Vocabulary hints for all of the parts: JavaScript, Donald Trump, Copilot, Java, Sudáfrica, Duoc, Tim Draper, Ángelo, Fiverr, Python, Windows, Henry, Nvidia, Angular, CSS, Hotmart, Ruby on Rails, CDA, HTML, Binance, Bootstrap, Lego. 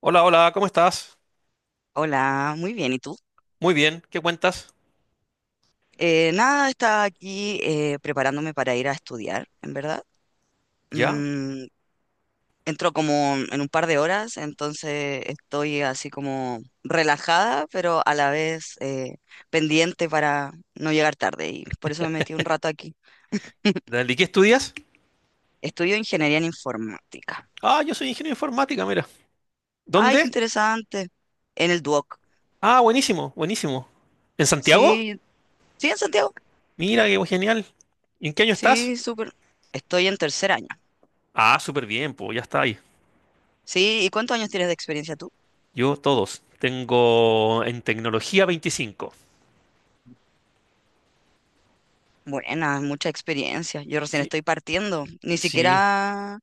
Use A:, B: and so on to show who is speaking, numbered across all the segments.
A: Hola, hola, ¿cómo estás?
B: Hola, muy bien. ¿Y tú?
A: Muy bien, ¿qué cuentas?
B: Nada, estaba aquí preparándome para ir a estudiar, en verdad.
A: ¿Ya?
B: Mm, Entro como en un par de horas, entonces estoy así como relajada, pero a la vez pendiente para no llegar tarde. Y por eso me metí un rato aquí.
A: ¿De qué estudias?
B: Estudio ingeniería en informática.
A: Ah, yo soy ingeniero de informática, mira.
B: Ay, qué
A: ¿Dónde?
B: interesante. En el Duoc.
A: Ah, buenísimo, buenísimo. ¿En Santiago?
B: Sí, sí, en Santiago.
A: Mira, qué genial. ¿Y en qué año estás?
B: Sí, súper. Estoy en tercer año.
A: Ah, súper bien, pues ya está ahí.
B: Sí, ¿y cuántos años tienes de experiencia tú?
A: Yo todos. Tengo en tecnología 25.
B: Buena, mucha experiencia. Yo recién
A: Sí,
B: estoy partiendo. Ni
A: sí.
B: siquiera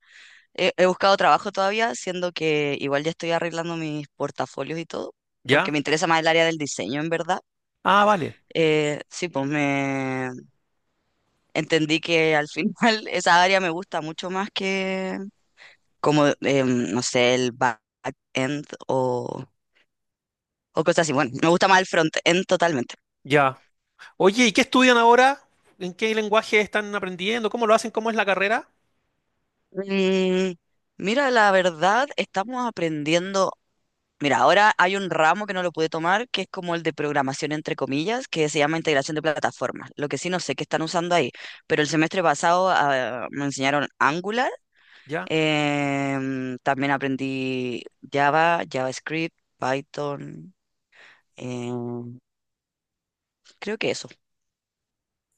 B: he buscado trabajo todavía, siendo que igual ya estoy arreglando mis portafolios y todo, porque
A: ¿Ya?
B: me interesa más el área del diseño, en verdad.
A: Ah, vale,
B: Sí, pues me entendí que al final esa área me gusta mucho más que como, no sé, el back-end o cosas así. Bueno, me gusta más el front-end totalmente.
A: ya. Oye, ¿y qué estudian ahora? ¿En qué lenguaje están aprendiendo? ¿Cómo lo hacen? ¿Cómo es la carrera?
B: Mm, Mira, la verdad, estamos aprendiendo. Mira, ahora hay un ramo que no lo pude tomar, que es como el de programación entre comillas, que se llama integración de plataformas. Lo que sí no sé qué están usando ahí, pero el semestre pasado me enseñaron Angular,
A: Ya.
B: también aprendí Java, JavaScript, Python, em, creo que eso.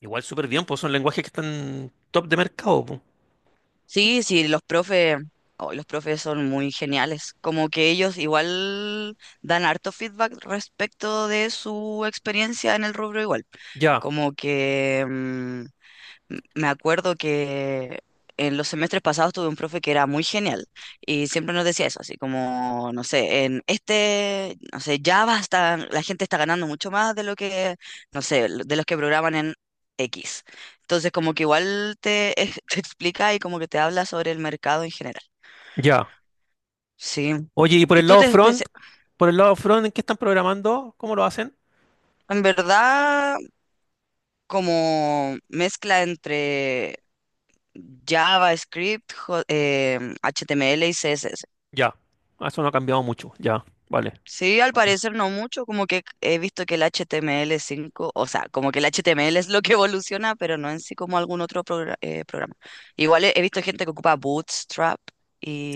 A: Igual súper bien, pues son lenguajes que están top de mercado, pues.
B: Sí, sí, los profes son muy geniales, como que ellos igual dan harto feedback respecto de su experiencia en el rubro igual,
A: Ya.
B: como que me acuerdo que en los semestres pasados tuve un profe que era muy genial y siempre nos decía eso, así como, no sé, en este, no sé, ya basta, la gente está ganando mucho más de lo que, no sé, de los que programan en X. Entonces, como que igual te explica y como que te habla sobre el mercado en general.
A: Ya.
B: Sí.
A: Oye, y por
B: Y
A: el
B: tú
A: lado
B: te
A: front,
B: especia-
A: por el lado front, ¿en qué están programando? ¿Cómo lo hacen?
B: en verdad, como mezcla entre JavaScript, HTML y CSS.
A: Ya. Ah, eso no ha cambiado mucho. Ya, vale.
B: Sí, al parecer no mucho, como que he visto que el HTML5, o sea, como que el HTML es lo que evoluciona, pero no en sí como algún otro programa. Igual he visto gente que ocupa Bootstrap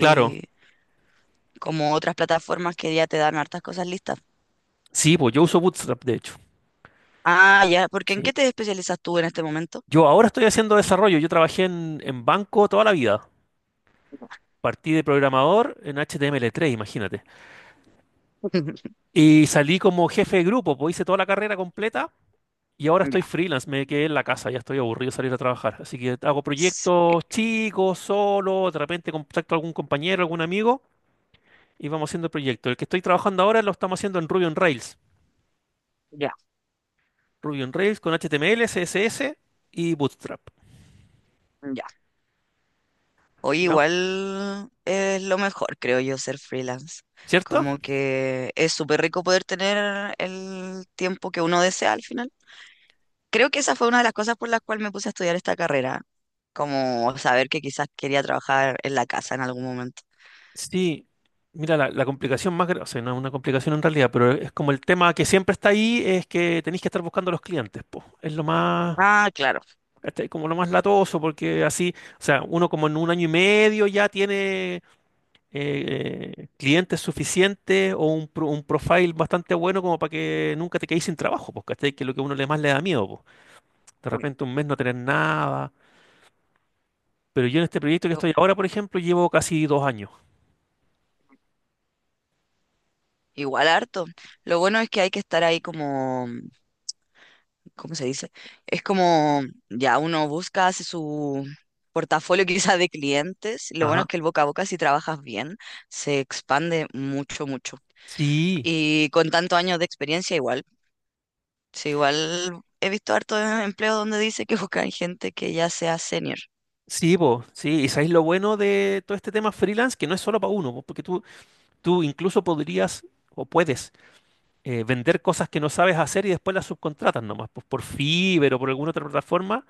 A: Claro.
B: como otras plataformas que ya te dan hartas cosas listas.
A: Sí, pues yo uso Bootstrap, de hecho.
B: Ah, ya, porque ¿en
A: Sí.
B: qué te especializas tú en este momento?
A: Yo ahora estoy haciendo desarrollo. Yo trabajé en banco toda la vida. Partí de programador en HTML 3. Imagínate. Y salí como jefe de grupo, pues hice toda la carrera completa y ahora estoy
B: Ya,
A: freelance. Me quedé en la casa, ya estoy aburrido de salir a trabajar. Así que hago
B: sí,
A: proyectos chicos, solo, de repente contacto a algún compañero, algún amigo y vamos haciendo el proyecto. El que estoy trabajando ahora lo estamos haciendo en Ruby on Rails.
B: ya,
A: Ruby on Rails con HTML, CSS y Bootstrap.
B: ya. Oye,
A: ¿Ya?
B: igual es lo mejor, creo yo, ser freelance.
A: ¿Cierto?
B: Como que es súper rico poder tener el tiempo que uno desea al final. Creo que esa fue una de las cosas por las cuales me puse a estudiar esta carrera, como saber que quizás quería trabajar en la casa en algún momento.
A: Sí. Mira, la complicación más grande, o sea, no es una complicación en realidad, pero es como el tema que siempre está ahí, es que tenéis que estar buscando a los clientes, po. Es lo más,
B: Ah, claro.
A: este, como lo más latoso, porque así, o sea, uno como en un año y medio ya tiene clientes suficientes o un profile bastante bueno como para que nunca te quedes sin trabajo, porque que es lo que a uno le más le da miedo, de
B: Bueno,
A: repente un mes no tener nada. Pero yo en este proyecto que
B: o-
A: estoy ahora, por ejemplo, llevo casi 2 años.
B: igual harto. Lo bueno es que hay que estar ahí como, ¿cómo se dice? Es como ya uno busca, hace su portafolio quizás de clientes. Lo bueno
A: Ajá.
B: es que el boca a boca, si trabajas bien, se expande mucho, mucho.
A: Sí,
B: Y con tantos años de experiencia, igual. Sí, igual he visto harto de empleo donde dice que buscan gente que ya sea senior.
A: sí, vos, sí. Y sabéis lo bueno de todo este tema freelance, que no es solo para uno, po, porque tú incluso podrías o puedes vender cosas que no sabes hacer y después las subcontratas nomás, pues por Fiverr o por alguna otra plataforma,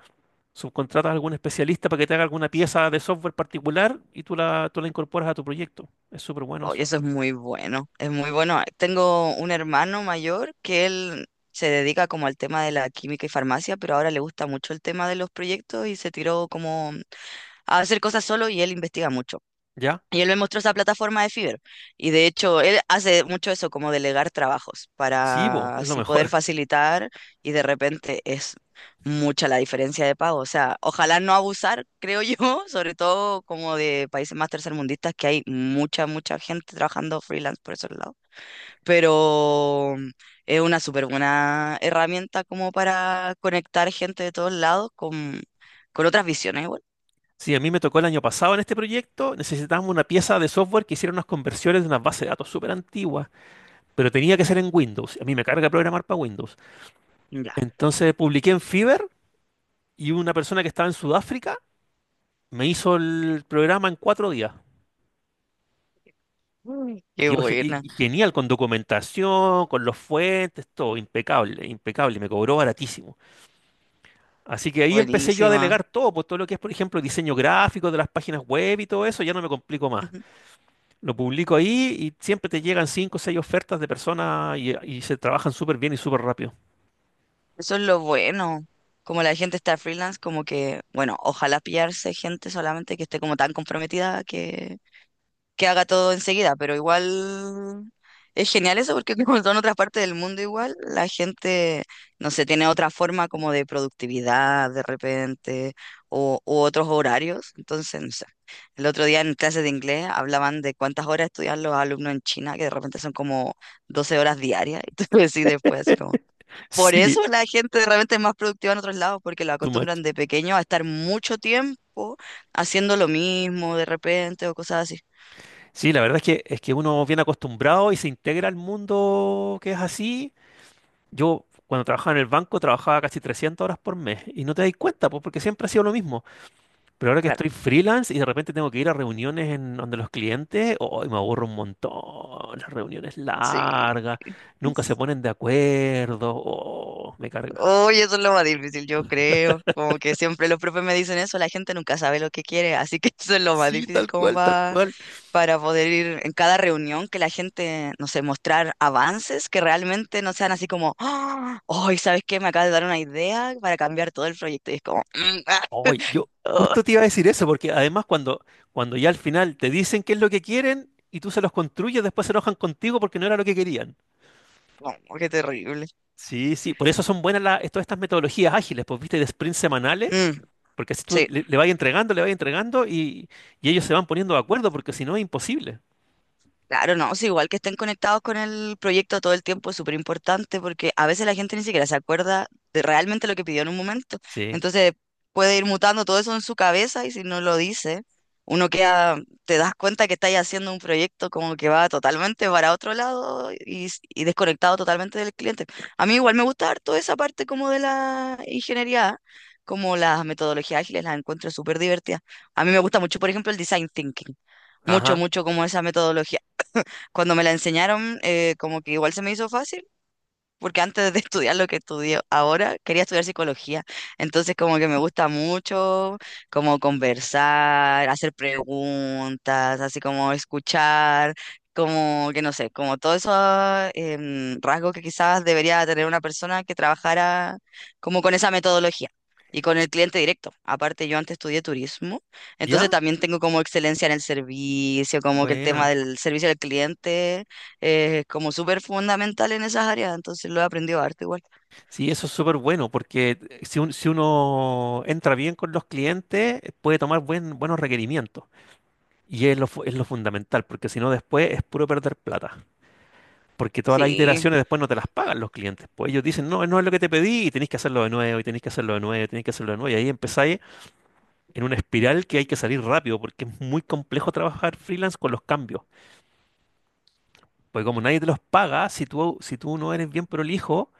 A: subcontratas a algún especialista para que te haga alguna pieza de software particular y tú la incorporas a tu proyecto. Es súper bueno eso.
B: Oye, eso es muy bueno, es muy bueno. Tengo un hermano mayor que él se dedica como al tema de la química y farmacia, pero ahora le gusta mucho el tema de los proyectos y se tiró como a hacer cosas solo y él investiga mucho.
A: ¿Ya?
B: Y él me mostró esa plataforma de Fiverr. Y de hecho, él hace mucho eso, como delegar trabajos,
A: Sí, vos,
B: para
A: es lo
B: así poder
A: mejor.
B: facilitar y de repente es mucha la diferencia de pago. O sea, ojalá no abusar, creo yo, sobre todo como de países más tercermundistas, que hay mucha, mucha gente trabajando freelance por esos lados. Pero es una súper buena herramienta como para conectar gente de todos lados con otras visiones igual.
A: Sí, a mí me tocó el año pasado en este proyecto, necesitábamos una pieza de software que hiciera unas conversiones de unas bases de datos súper antiguas, pero tenía que ser en Windows. A mí me carga programar para Windows.
B: Ya.
A: Entonces publiqué en Fiverr y una persona que estaba en Sudáfrica me hizo el programa en 4 días.
B: Uy,
A: Y
B: qué
A: quedó
B: buena,
A: genial, con documentación, con los fuentes, todo, impecable, impecable, y me cobró baratísimo. Así que ahí empecé yo a
B: buenísima.
A: delegar todo, pues todo lo que es, por ejemplo, diseño gráfico de las páginas web y todo eso, ya no me complico más. Lo publico ahí y siempre te llegan cinco o seis ofertas de personas y se trabajan súper bien y súper rápido.
B: Eso es lo bueno. Como la gente está freelance, como que, bueno, ojalá pillarse gente solamente que esté como tan comprometida que haga todo enseguida, pero igual es genial eso porque como son otras partes del mundo igual, la gente, no sé, tiene otra forma como de productividad de repente o u otros horarios. Entonces, no sé, el otro día en clases de inglés hablaban de cuántas horas estudian los alumnos en China, que de repente son como 12 horas diarias, y tú decís después así como... Por
A: Sí.
B: eso la gente realmente es más productiva en otros lados, porque la
A: Too much.
B: acostumbran de pequeño a estar mucho tiempo haciendo lo mismo de repente o cosas así.
A: Sí, la verdad es que uno viene acostumbrado y se integra al mundo que es así. Yo cuando trabajaba en el banco trabajaba casi 300 horas por mes y no te das cuenta pues, porque siempre ha sido lo mismo. Pero ahora que estoy
B: Claro,
A: freelance y de repente tengo que ir a reuniones en donde los clientes, oh, me aburro un montón. Las reuniones
B: sí.
A: largas, nunca se ponen de acuerdo. Oh, me carga.
B: Oye, eso es lo más difícil, yo creo. Como que siempre los profes me dicen eso, la gente nunca sabe lo que quiere, así que eso es lo más
A: Sí,
B: difícil
A: tal
B: como
A: cual, tal
B: va
A: cual.
B: para poder ir en cada reunión que la gente, no sé, mostrar avances que realmente no sean así como, "Ah, hoy, ¿sabes qué? Me acabas de dar una idea para cambiar todo el proyecto". Y es como, "Mm, ah,
A: Oye, yo
B: oh".
A: justo te iba a decir eso, porque además cuando ya al final te dicen qué es lo que quieren y tú se los construyes, después se enojan contigo porque no era lo que querían.
B: No, qué terrible.
A: Sí, sí, por eso son buenas todas estas metodologías ágiles, pues viste, de sprints semanales,
B: Mm,
A: porque así tú
B: sí.
A: le vas entregando, le vas entregando y ellos se van poniendo de acuerdo, porque si no es imposible.
B: Claro, no, o sea, igual que estén conectados con el proyecto todo el tiempo es súper importante porque a veces la gente ni siquiera se acuerda de realmente lo que pidió en un momento.
A: Sí,
B: Entonces puede ir mutando todo eso en su cabeza y si no lo dice, uno queda, te das cuenta que estáis haciendo un proyecto como que va totalmente para otro lado y, y desconectado totalmente del cliente. A mí igual me gusta harto esa parte como de la ingeniería, como las metodologías ágiles, las encuentro súper divertidas. A mí me gusta mucho, por ejemplo, el design thinking mucho,
A: ajá,
B: mucho como esa metodología cuando me la enseñaron, como que igual se me hizo fácil, porque antes de estudiar lo que estudio ahora, quería estudiar psicología. Entonces, como que me gusta mucho, como conversar, hacer preguntas, así como escuchar, como que no sé, como todos esos rasgos que quizás debería tener una persona que trabajara como con esa metodología. Y con el cliente directo. Aparte, yo antes estudié turismo,
A: ¿ya?
B: entonces también tengo como excelencia en el servicio, como que el tema
A: Buena.
B: del servicio al cliente como súper fundamental en esas áreas, entonces lo he aprendido harto igual.
A: Sí, eso es súper bueno, porque si uno entra bien con los clientes, puede tomar buenos requerimientos. Y es lo fundamental, porque si no después es puro perder plata. Porque todas las
B: Sí,
A: iteraciones después no te las pagan los clientes. Pues ellos dicen, no, no es lo que te pedí, y tenés que hacerlo de nuevo, y tenés que hacerlo de nuevo, y tenés que hacerlo de nuevo. Y ahí empezáis en una espiral que hay que salir rápido, porque es muy complejo trabajar freelance con los cambios. Porque como nadie te los paga, si tú no eres bien prolijo,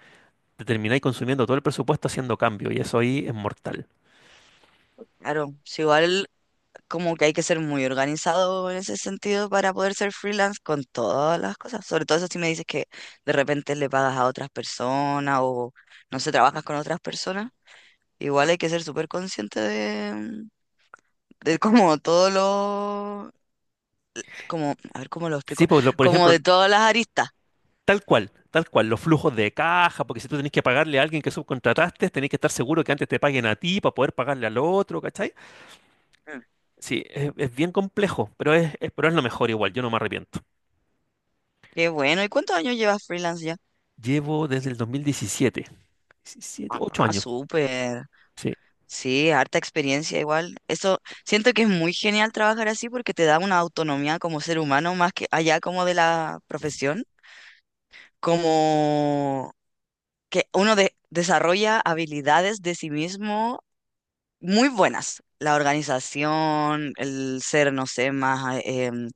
A: te termináis consumiendo todo el presupuesto haciendo cambios, y eso ahí es mortal.
B: claro, sí, igual como que hay que ser muy organizado en ese sentido para poder ser freelance con todas las cosas, sobre todo eso si me dices que de repente le pagas a otras personas o no sé, trabajas con otras personas, igual hay que ser súper consciente de como todo lo, como, a ver cómo lo explico,
A: Sí, por
B: como
A: ejemplo,
B: de todas las aristas.
A: tal cual, tal cual, los flujos de caja, porque si tú tenés que pagarle a alguien que subcontrataste, tenés que estar seguro que antes te paguen a ti para poder pagarle al otro, ¿cachai?
B: Mm.
A: Sí, es bien complejo, pero es lo mejor igual, yo no me arrepiento.
B: Qué bueno, ¿y cuántos años llevas freelance ya?
A: Llevo desde el 2017, 17, 8
B: Ah,
A: años,
B: súper.
A: sí.
B: Sí, harta experiencia igual. Eso siento que es muy genial trabajar así porque te da una autonomía como ser humano más que allá como de la profesión, como que uno desarrolla habilidades de sí mismo muy buenas. La organización, el ser, no sé, más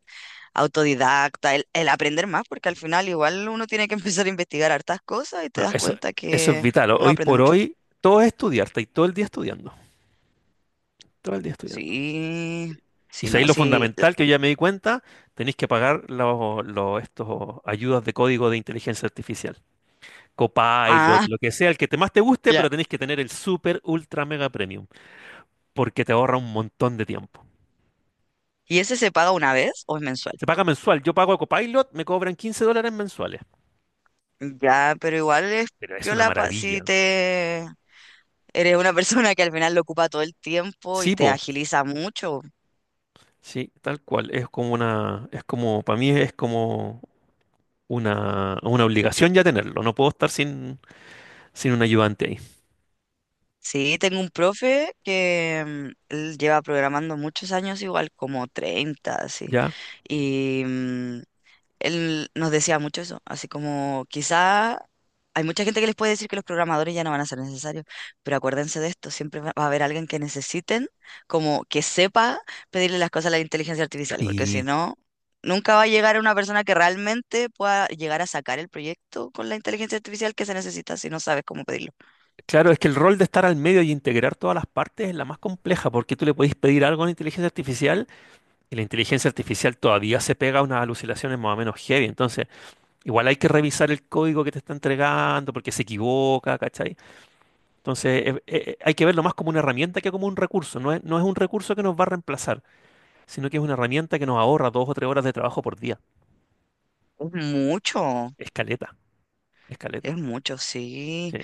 B: autodidacta, el aprender más, porque al final igual uno tiene que empezar a investigar hartas cosas y te
A: Bueno,
B: das
A: eso,
B: cuenta
A: eso es
B: que
A: vital,
B: uno
A: hoy
B: aprende
A: por
B: mucho.
A: hoy todo es estudiar, y todo el día estudiando, todo el día estudiando.
B: Sí,
A: Y
B: sí,
A: sabéis
B: no,
A: lo
B: sí.
A: fundamental que yo ya me di cuenta, tenéis que pagar estos ayudas de código de inteligencia artificial. Copilot,
B: Ah.
A: lo que sea, el que te más te guste,
B: Ya.
A: pero tenés que tener el super ultra mega premium, porque te ahorra un montón de tiempo.
B: ¿Y ese se paga una vez o es mensual?
A: Se paga mensual, yo pago a Copilot, me cobran 15 dólares mensuales,
B: Ya, pero igual es
A: pero es una
B: piola si
A: maravilla.
B: te eres una persona que al final lo ocupa todo el tiempo y
A: Sí,
B: te
A: po,
B: agiliza mucho.
A: sí, tal cual, es como una, es como, para mí es como una obligación ya tenerlo, no puedo estar sin un ayudante ahí,
B: Sí, tengo un profe que él lleva programando muchos años igual, como 30 así.
A: ¿ya?
B: Y él nos decía mucho eso, así como quizá hay mucha gente que les puede decir que los programadores ya no van a ser necesarios, pero acuérdense de esto, siempre va a haber alguien que necesiten, como que sepa pedirle las cosas a la inteligencia artificial, porque si
A: Y
B: no, nunca va a llegar una persona que realmente pueda llegar a sacar el proyecto con la inteligencia artificial que se necesita si no sabes cómo pedirlo.
A: claro, es que el rol de estar al medio y integrar todas las partes es la más compleja, porque tú le podés pedir algo a la inteligencia artificial. Y la inteligencia artificial todavía se pega a unas alucinaciones más o menos heavy. Entonces, igual hay que revisar el código que te está entregando porque se equivoca, ¿cachai? Entonces, hay que verlo más como una herramienta que como un recurso. No es un recurso que nos va a reemplazar, sino que es una herramienta que nos ahorra 2 o 3 horas de trabajo por día.
B: Es mucho.
A: Escaleta,
B: Es
A: escaleta.
B: mucho, sí.
A: Sí,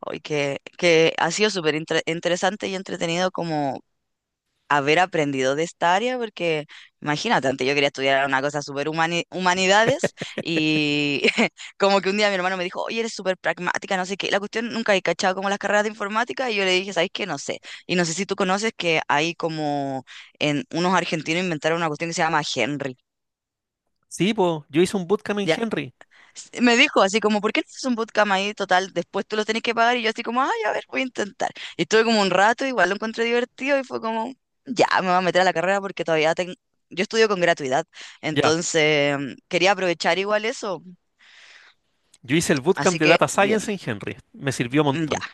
B: Hoy que ha sido súper interesante y entretenido como haber aprendido de esta área, porque imagínate, antes yo quería estudiar una cosa súper humanidades y como que un día mi hermano me dijo, oye, eres súper pragmática, no sé qué. La cuestión nunca he cachado como las carreras de informática y yo le dije, ¿sabes qué? No sé. Y no sé si tú conoces que hay como en unos argentinos inventaron una cuestión que se llama Henry.
A: sí, po, yo hice un bootcamp en Henry.
B: Me dijo así como, ¿por qué no haces un bootcamp ahí total? Después tú lo tenés que pagar. Y yo así como, ay, a ver, voy a intentar. Y estuve como un rato, igual lo encontré divertido y fue como, ya, me voy a meter a la carrera porque todavía tengo... Yo estudio con gratuidad,
A: Ya,
B: entonces quería aprovechar igual eso.
A: yo hice el bootcamp
B: Así
A: de
B: que,
A: Data
B: bien,
A: Science en Henry. Me sirvió un
B: mm, ya.
A: montón,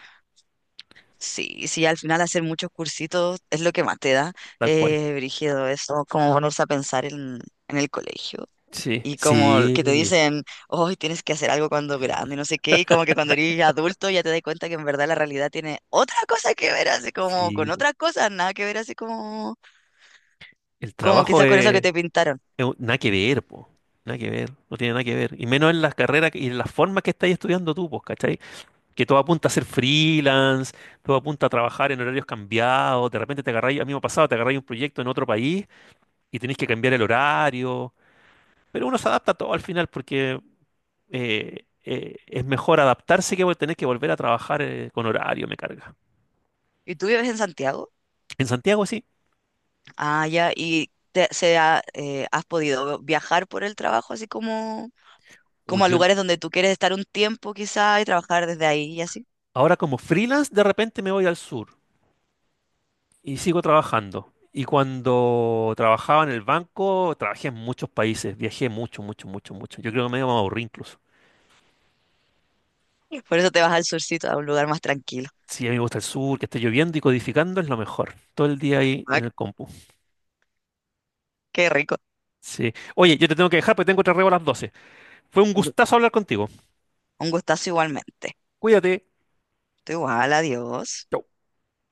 B: Sí, sí, al final hacer muchos cursitos es lo que más te da,
A: tal cual.
B: brígido, eso, como ponerse a pensar en el colegio.
A: Sí,
B: Y como
A: sí,
B: que te dicen, hoy tienes que hacer algo cuando grande, y no sé qué, y como que cuando eres adulto ya te das cuenta que en verdad la realidad tiene otra cosa que ver, así como con
A: sí, po.
B: otras cosas, nada que ver, así como,
A: El
B: como
A: trabajo
B: quizás con eso que te pintaron.
A: Nada que ver, po. Nada que ver. No tiene nada que ver. Y menos en las carreras y en las formas que estás estudiando tú, pues, ¿cachai? Que todo apunta a ser freelance, todo apunta a trabajar en horarios cambiados. De repente te agarráis, a mí me ha pasado, te agarráis un proyecto en otro país y tenéis que cambiar el horario. Pero uno se adapta a todo al final porque es mejor adaptarse que tener que volver a trabajar con horario, me carga.
B: ¿Y tú vives en Santiago?
A: En Santiago sí.
B: Ah, ya, y has podido viajar por el trabajo, así como,
A: Uy,
B: como a
A: yo
B: lugares donde tú quieres estar un tiempo quizás y trabajar desde ahí y así.
A: ahora como freelance de repente me voy al sur. Y sigo trabajando. Y cuando trabajaba en el banco, trabajé en muchos países, viajé mucho, mucho, mucho, mucho. Yo creo que me iba a aburrir incluso.
B: Por eso te vas al surcito, a un lugar más tranquilo.
A: Sí, a mí me gusta el sur, que esté lloviendo y codificando es lo mejor. Todo el día ahí
B: Ah,
A: en el compu.
B: qué rico.
A: Sí. Oye, yo te tengo que dejar porque tengo otra reo a las 12. Fue un gustazo hablar contigo.
B: Un gustazo igualmente.
A: Cuídate.
B: Tú igual, adiós.
A: Chau.